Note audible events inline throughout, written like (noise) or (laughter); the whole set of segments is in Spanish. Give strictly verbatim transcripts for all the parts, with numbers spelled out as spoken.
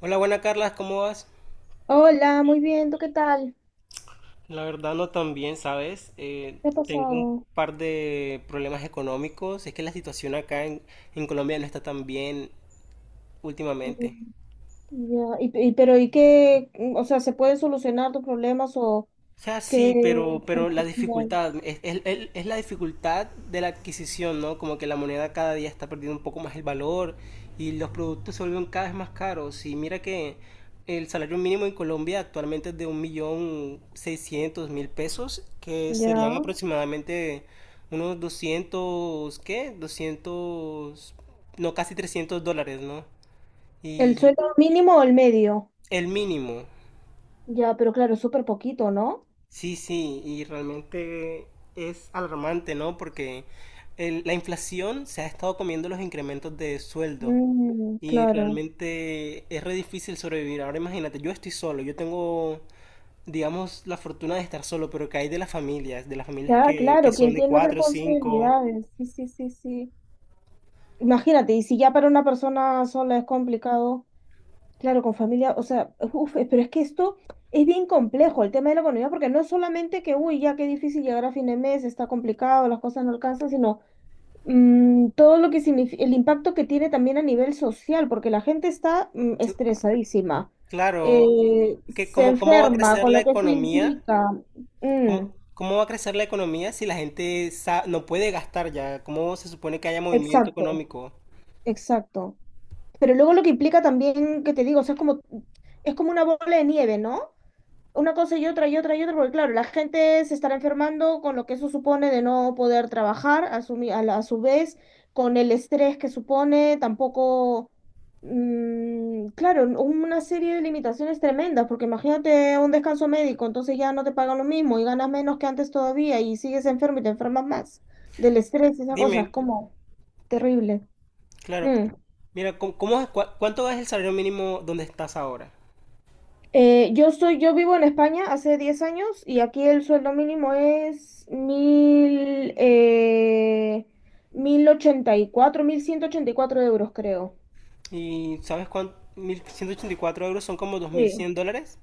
Hola, buena Carla, ¿cómo vas? Hola, muy bien, ¿tú qué tal? La verdad no tan bien, ¿sabes? Eh, ¿Qué ha tengo un pasado? par de problemas económicos. Es que la situación acá en, en Colombia no está tan bien últimamente. Mm, ya, y, y- pero ¿y qué? Mm, O sea, ¿se pueden solucionar tus problemas o O sea, sí, qué pero, pero la perspectiva hay? dificultad, es, es- el- es la dificultad de la adquisición, ¿no? Como que la moneda cada día está perdiendo un poco más el valor y los productos se vuelven cada vez más caros. Y mira que el salario mínimo en Colombia actualmente es de un millón seiscientos mil pesos, que serían Ya. aproximadamente unos doscientos. ¿Qué? Doscientos no, casi trescientos dólares, ¿no? ¿El Y sueldo mínimo o el medio? el mínimo. Ya, pero claro, es súper poquito, ¿no? Sí, sí, y realmente es alarmante, ¿no? Porque el- la inflación se ha estado comiendo los incrementos de sueldo Mm, y claro. realmente es re difícil sobrevivir. Ahora imagínate, yo estoy solo, yo tengo, digamos, la fortuna de estar solo, pero ¿que hay de las familias? De las familias Ya, que, que claro, quien son de tiene cuatro, cinco. responsabilidades. Sí, sí, sí, sí. Imagínate, y si ya para una persona sola es complicado. Claro, con familia, o sea, uf, eh, pero es que esto es bien complejo, el tema de la economía, porque no es solamente que, uy, ya qué difícil llegar a fin de mes, está complicado, las cosas no alcanzan, sino mm, todo lo que significa, el impacto que tiene también a nivel social, porque la gente está mm, Su- estresadísima, Claro, eh, que se cómo, cómo va a enferma, crecer con la lo que eso economía, implica. Mm, cómo, cómo va a crecer la economía si la gente sa- no puede gastar ya, cómo se supone que haya movimiento exacto, económico. exacto. Pero luego lo que implica también, que te digo, o sea, es como, es como una bola de nieve, ¿no? Una cosa y otra y otra y otra, porque claro, la gente se estará enfermando con lo que eso supone de no poder trabajar, a su, mi- a la- a su vez, con el estrés que supone, tampoco, mm, claro, una serie de limitaciones tremendas, porque imagínate un descanso médico, entonces ya no te pagan lo mismo y ganas menos que antes todavía y sigues enfermo y te enfermas más del estrés y esas cosas, Dime. como terrible. Claro. Mm. Mira, ¿cómo, cómo es- cua- cuánto es el salario mínimo donde estás ahora? Eh, yo soy, yo vivo en España hace diez años y aquí el sueldo mínimo es mil, eh, mil ochenta y cuatro mil ciento ochenta y cuatro euros, creo. Y ¿sabes cuánto? Mil ciento ochenta y cuatro euros son como dos mil Sí. cien dólares.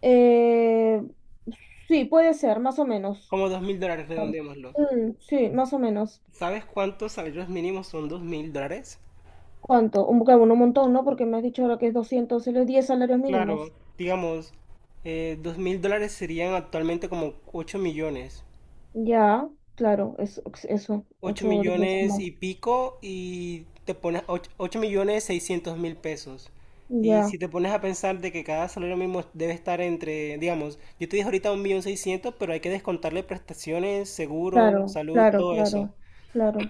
Eh, sí, puede ser, más o menos. Como dos mil dólares, Claro. redondeémoslo. Mm, sí, más o menos. ¿Sabes cuántos salarios mínimos son dos mil dólares? ¿Cuánto? Un, bueno, un montón, ¿no? Porque me has dicho ahora que es doscientos solo es diez salarios mínimos. Claro, digamos, eh, dos mil dólares serían actualmente como ocho millones. Ya, claro, es, eso, Ocho ocho o diez veces millones y más. pico y te pones ocho millones seiscientos mil pesos. Y Ya, si te pones a pensar de que cada salario mínimo debe estar entre, digamos, yo te dije ahorita un millón seiscientos, pero hay que descontarle prestaciones, seguro, claro, salud, claro, todo eso. claro, claro.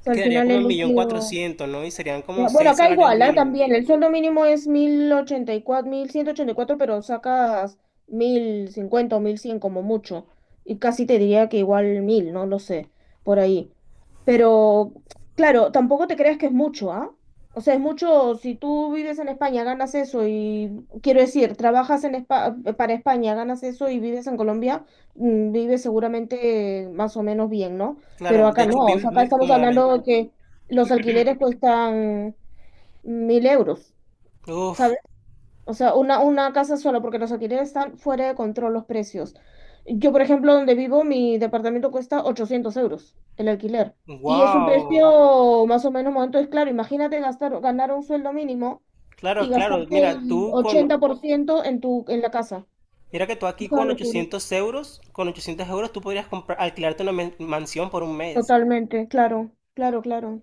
O sea, al Quedaría final como el un millón líquido... cuatrocientos ¿no? Y serían como Ya, bueno, seis acá salarios igual, ¿ah? mínimos. También el sueldo mínimo es mil mil ochenta ochenta y cuatro mil ciento ochenta y cuatro, pero sacas mil cincuenta o mil cien como mucho. Y casi te diría que igual mil, no lo sé, por ahí. Pero, claro, tampoco te creas que es mucho, ¿ah? O sea, es mucho, si tú vives en España, ganas eso y, quiero decir, trabajas en Espa- para España, ganas eso y vives en Colombia, mm, vives seguramente más o menos bien, ¿no? Pero Claro, de acá no, hecho o vives sea, acá muy estamos hablando de cómodamente. que los alquileres cuestan mil euros, Uf, ¿sabes? O sea, una, una casa sola, porque los alquileres están fuera de control los precios. Yo, por ejemplo, donde vivo, mi departamento cuesta ochocientos euros el alquiler. Y es un wow. precio más o menos, entonces, claro, imagínate gastar, ganar un sueldo mínimo y Claro, claro, gastarte mira, el tú con ochenta por ciento en tu, en la casa. mira que tú Es aquí una con locura. ochocientos euros, con ochocientos euros tú podrías comprar, alquilarte una men- mansión por un mes. Totalmente, claro, claro, claro.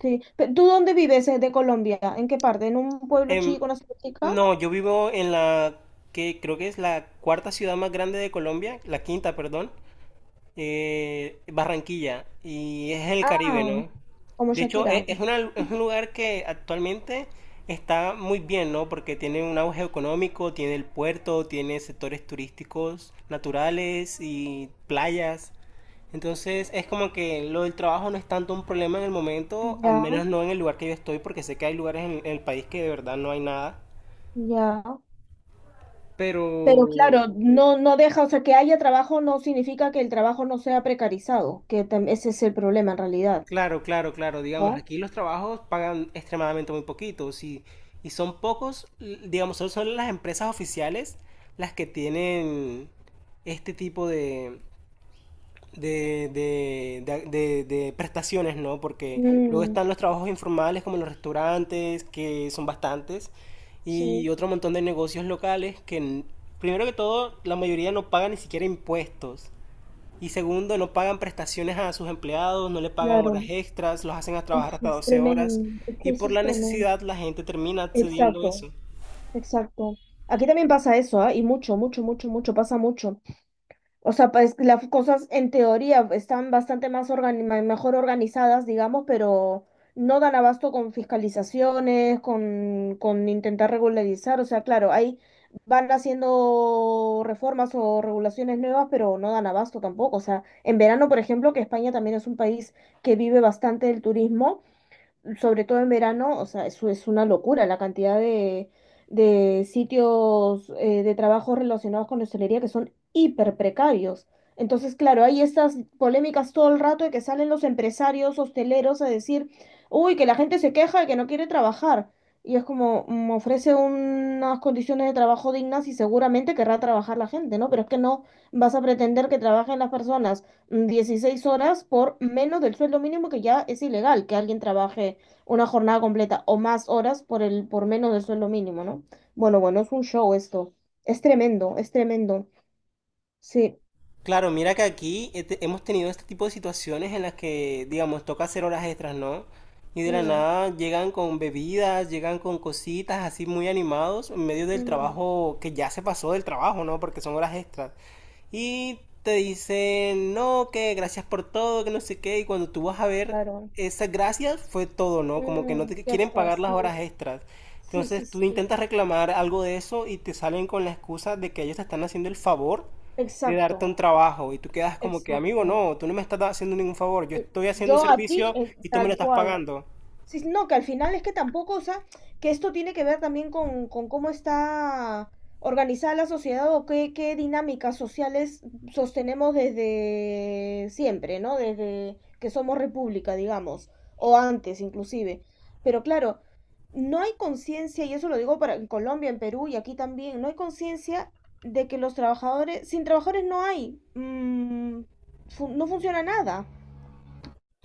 Sí. Pe- ¿Tú dónde vives, eh, de Colombia? ¿En qué parte? ¿En un pueblo Em, chico, una ciudad chica? no, yo vivo en la que creo que es la cuarta ciudad más grande de Colombia, la quinta, perdón. Eh, Barranquilla, y es el Caribe, Ah, ¿no? como De hecho, e- Shakira. es, una- es un lugar que actualmente está muy bien, ¿no? Porque tiene un auge económico, tiene el puerto, tiene sectores turísticos naturales y playas. Entonces, es como que lo del trabajo no es tanto un problema en el momento, al Ya, menos no en el lugar que yo estoy, porque sé que hay lugares en en el país que de verdad no hay nada. ya. Pero Pero claro, no, no deja, o sea, que haya trabajo no significa que el trabajo no sea precarizado, que tam- ese es el problema en realidad, claro, claro, claro. Digamos, ¿no? aquí los trabajos pagan extremadamente muy poquitos y, y son pocos, l- digamos, solo son las empresas oficiales las que tienen este tipo de, de, de, de- de- de prestaciones, ¿no? Porque luego Mm, están los trabajos informales como los restaurantes, que son bastantes, y sí, otro montón de negocios locales que, n- primero que todo, la mayoría no pagan ni siquiera impuestos. Y segundo, no pagan prestaciones a sus empleados, no le pagan horas claro. extras, los hacen a Uf, trabajar hasta es doce horas. tremendo. Es que Y eso por es la tremendo. necesidad la gente termina accediendo a Exacto, eso. exacto. Aquí también pasa eso, ¿ah? Y mucho, mucho, mucho, mucho, pasa mucho. O sea, pues las cosas en teoría están bastante más organi- ma- mejor organizadas, digamos, pero no dan abasto con fiscalizaciones, con, con intentar regularizar. O sea, claro, ahí van haciendo reformas o regulaciones nuevas, pero no dan abasto tampoco. O sea, en verano, por ejemplo, que España también es un país que vive bastante del turismo, sobre todo en verano, o sea, eso es una locura la cantidad de, de, sitios, eh, de trabajo relacionados con la hostelería, que son hiper precarios. Entonces, claro, hay estas polémicas todo el rato de que salen los empresarios hosteleros a decir, uy, que la gente se queja de que no quiere trabajar. Y es como, mm, ofrece unas condiciones de trabajo dignas y seguramente querrá trabajar la gente, ¿no? Pero es que no vas a pretender que trabajen las personas mm, dieciséis horas por menos del sueldo mínimo, que ya es ilegal que alguien trabaje una jornada completa o más horas por el, por menos del sueldo mínimo, ¿no? Bueno, bueno, es un show esto. Es tremendo, es tremendo. Sí. Claro, mira que aquí este- hemos tenido este tipo de situaciones en las que, digamos, toca hacer horas extras, ¿no? Y de la Mm, nada llegan con bebidas, llegan con cositas así muy animados en medio del mm, trabajo que ya se pasó del trabajo, ¿no? Porque son horas extras. Y te dicen, no, que gracias por todo, que no sé qué. Y cuando tú vas a ver, claro. esas gracias fue todo, ¿no? Como que no Mm, te ya quieren está, pagar las sí. horas extras. Sí, sí, Entonces tú sí. intentas reclamar algo de eso y te salen con la excusa de que ellos te están haciendo el favor de darte Exacto, un trabajo. Y tú quedas como que, amigo, exacto. no, tú no me estás haciendo ningún favor. Yo Sí, estoy haciendo un yo aquí, servicio eh, y tú me lo tal estás cual. pagando. Sí, no, que al final es que tampoco, o sea, que esto tiene que ver también con, con cómo está organizada la sociedad o qué, qué dinámicas sociales sostenemos desde siempre, ¿no? Desde que somos república, digamos, o antes inclusive. Pero claro, no hay conciencia, y eso lo digo para en Colombia, en Perú y aquí también, no hay conciencia de que los trabajadores, sin trabajadores no hay, mm, fu- no funciona nada.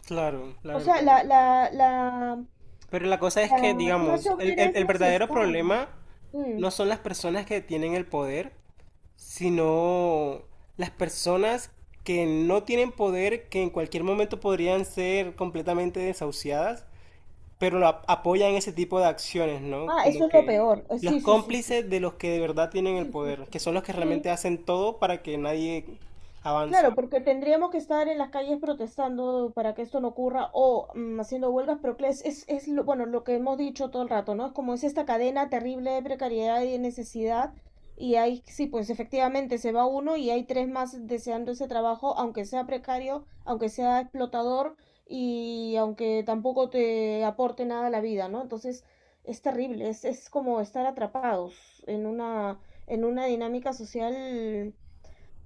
Claro, la O sea, verdad. la, la, la, Pero la cosa es que, la clase digamos, el, obrera el- es el verdadero necesaria. problema Mm. no son las personas que tienen el poder, sino las personas que no tienen poder, que en cualquier momento podrían ser completamente desahuciadas, pero lo ap- apoyan ese tipo de acciones, ¿no? Ah, Como eso es lo que peor. Eh, los Sí, sí, sí, sí. cómplices de los que de verdad tienen el Sí, sí, poder, sí, que sí. son los que Sí, realmente hacen todo para que nadie avance. claro, porque tendríamos que estar en las calles protestando para que esto no ocurra o mm, haciendo huelgas, pero que es, es, es lo, bueno, lo que hemos dicho todo el rato, ¿no? Es como es esta cadena terrible de precariedad y de necesidad, y ahí sí, pues efectivamente se va uno y hay tres más deseando ese trabajo, aunque sea precario, aunque sea explotador y aunque tampoco te aporte nada a la vida, ¿no? Entonces es terrible, es, es como estar atrapados en una, en una, dinámica social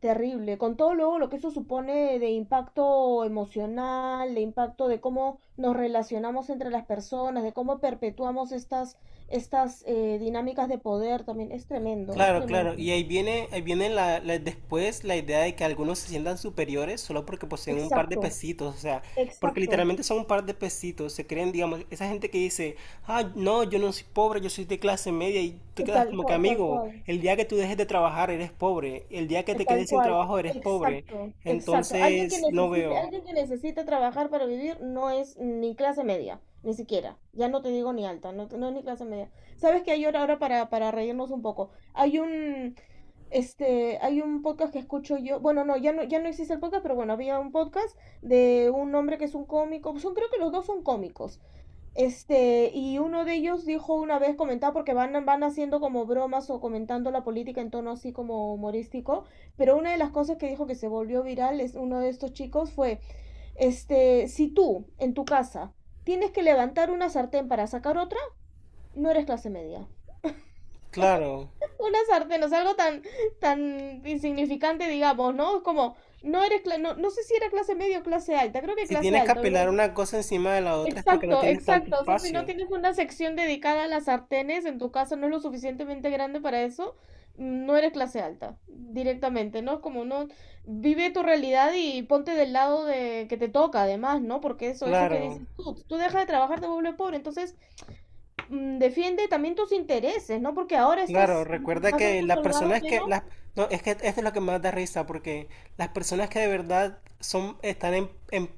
terrible, con todo luego lo que eso supone de impacto emocional, de impacto de cómo nos relacionamos entre las personas, de cómo perpetuamos estas, estas eh, dinámicas de poder también. Es tremendo, es Claro, claro. tremendo. Y ahí viene, ahí viene la, la- después la idea de que algunos se sientan superiores solo porque poseen un par de Exacto, pesitos, o sea, porque exacto, literalmente son un par de pesitos, se creen, digamos, esa gente que dice, ah, no, yo no soy pobre, yo soy de clase media, y tú quedas tal como que cual, tal amigo, cual, el día que tú dejes de trabajar eres pobre, el día que eh, te tal quedes sin cual, trabajo eres pobre, exacto, exacto. Alguien que entonces no necesite, veo. alguien que necesite trabajar para vivir no es ni clase media, ni siquiera. Ya no te digo ni alta, no, no es ni clase media. ¿Sabes qué hay ahora ahora para, para reírnos un poco? Hay un, Este, hay un podcast que escucho yo, bueno, no, ya no, ya no existe el podcast, pero bueno, había un podcast de un hombre que es un cómico, son, creo que los dos son cómicos, este, y uno de ellos dijo una vez, comentaba, porque van, van haciendo como bromas o comentando la política en tono así como humorístico, pero una de las cosas que dijo que se volvió viral, es uno de estos chicos, fue, este, si tú, en tu casa, tienes que levantar una sartén para sacar otra, no eres clase media. Claro, Una sartén, o sea, algo tan, tan insignificante, digamos, ¿no? Es como, no eres, cla- no, no sé si era clase media o clase alta, creo que si clase tienes que alta, pero apelar es- una cosa encima de la otra es porque no Exacto, tienes tanto exacto. O sea, si no espacio. tienes una sección dedicada a las sartenes, en tu casa no es lo suficientemente grande para eso, no eres clase alta, directamente, ¿no? Es como no, vive tu realidad y ponte del lado de que te toca, además, ¿no? Porque eso, eso que Claro. dices tú, tú dejas de trabajar, te vuelves pobre, entonces mm, defiende también tus intereses, ¿no? Porque ahora Claro, estás recuerda más o que menos las holgado, personas que pero las no, es que esto es lo que más da risa porque las personas que de verdad son están en, en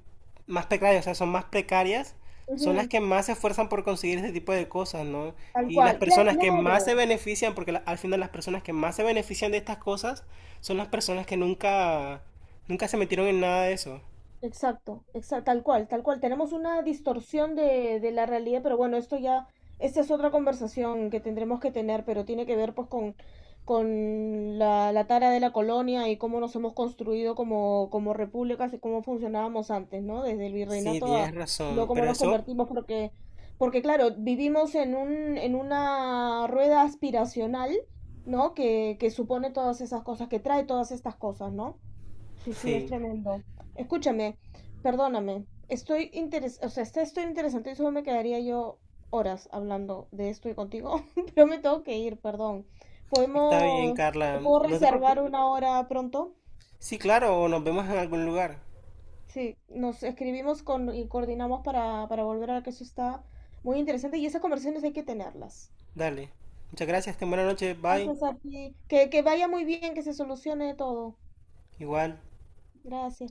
más precarias, o sea, son más precarias, son las ujú, que más se esfuerzan por conseguir este tipo de cosas, ¿no? tal Y las cual, claro, personas que más claro, se benefician, porque la- al final las personas que más se benefician de estas cosas son las personas que nunca nunca se metieron en nada de eso. exacto, exacto, tal cual, tal cual. Tenemos una distorsión de, de la realidad, pero bueno, esto ya, esta es otra conversación que tendremos que tener, pero tiene que ver pues con, con la, la tara de la colonia y cómo nos hemos construido como, como repúblicas y cómo funcionábamos antes, ¿no? Desde el Sí, virreinato a tienes luego razón, cómo pero nos eso convertimos, porque, porque claro, vivimos en un, en una rueda aspiracional, ¿no? Que, que supone todas esas cosas, que trae todas estas cosas, ¿no? Sí, sí, es sí. tremendo. Escúchame, perdóname. Estoy interes, o sea, está estoy interesante y solo me quedaría yo horas hablando de esto y contigo, (laughs) pero me tengo que ir, perdón. Está bien, ¿Podemos, te Carla, puedo no te reservar preocupes. una hora pronto? Sí, claro, o nos vemos en algún lugar. Sí, nos escribimos con, y coordinamos para, para volver a ver que eso está muy interesante y esas conversaciones hay que tenerlas. Dale. Muchas gracias, ten buena noche, bye. Gracias a ti. Que, que vaya muy bien, que se solucione todo. Igual. Gracias.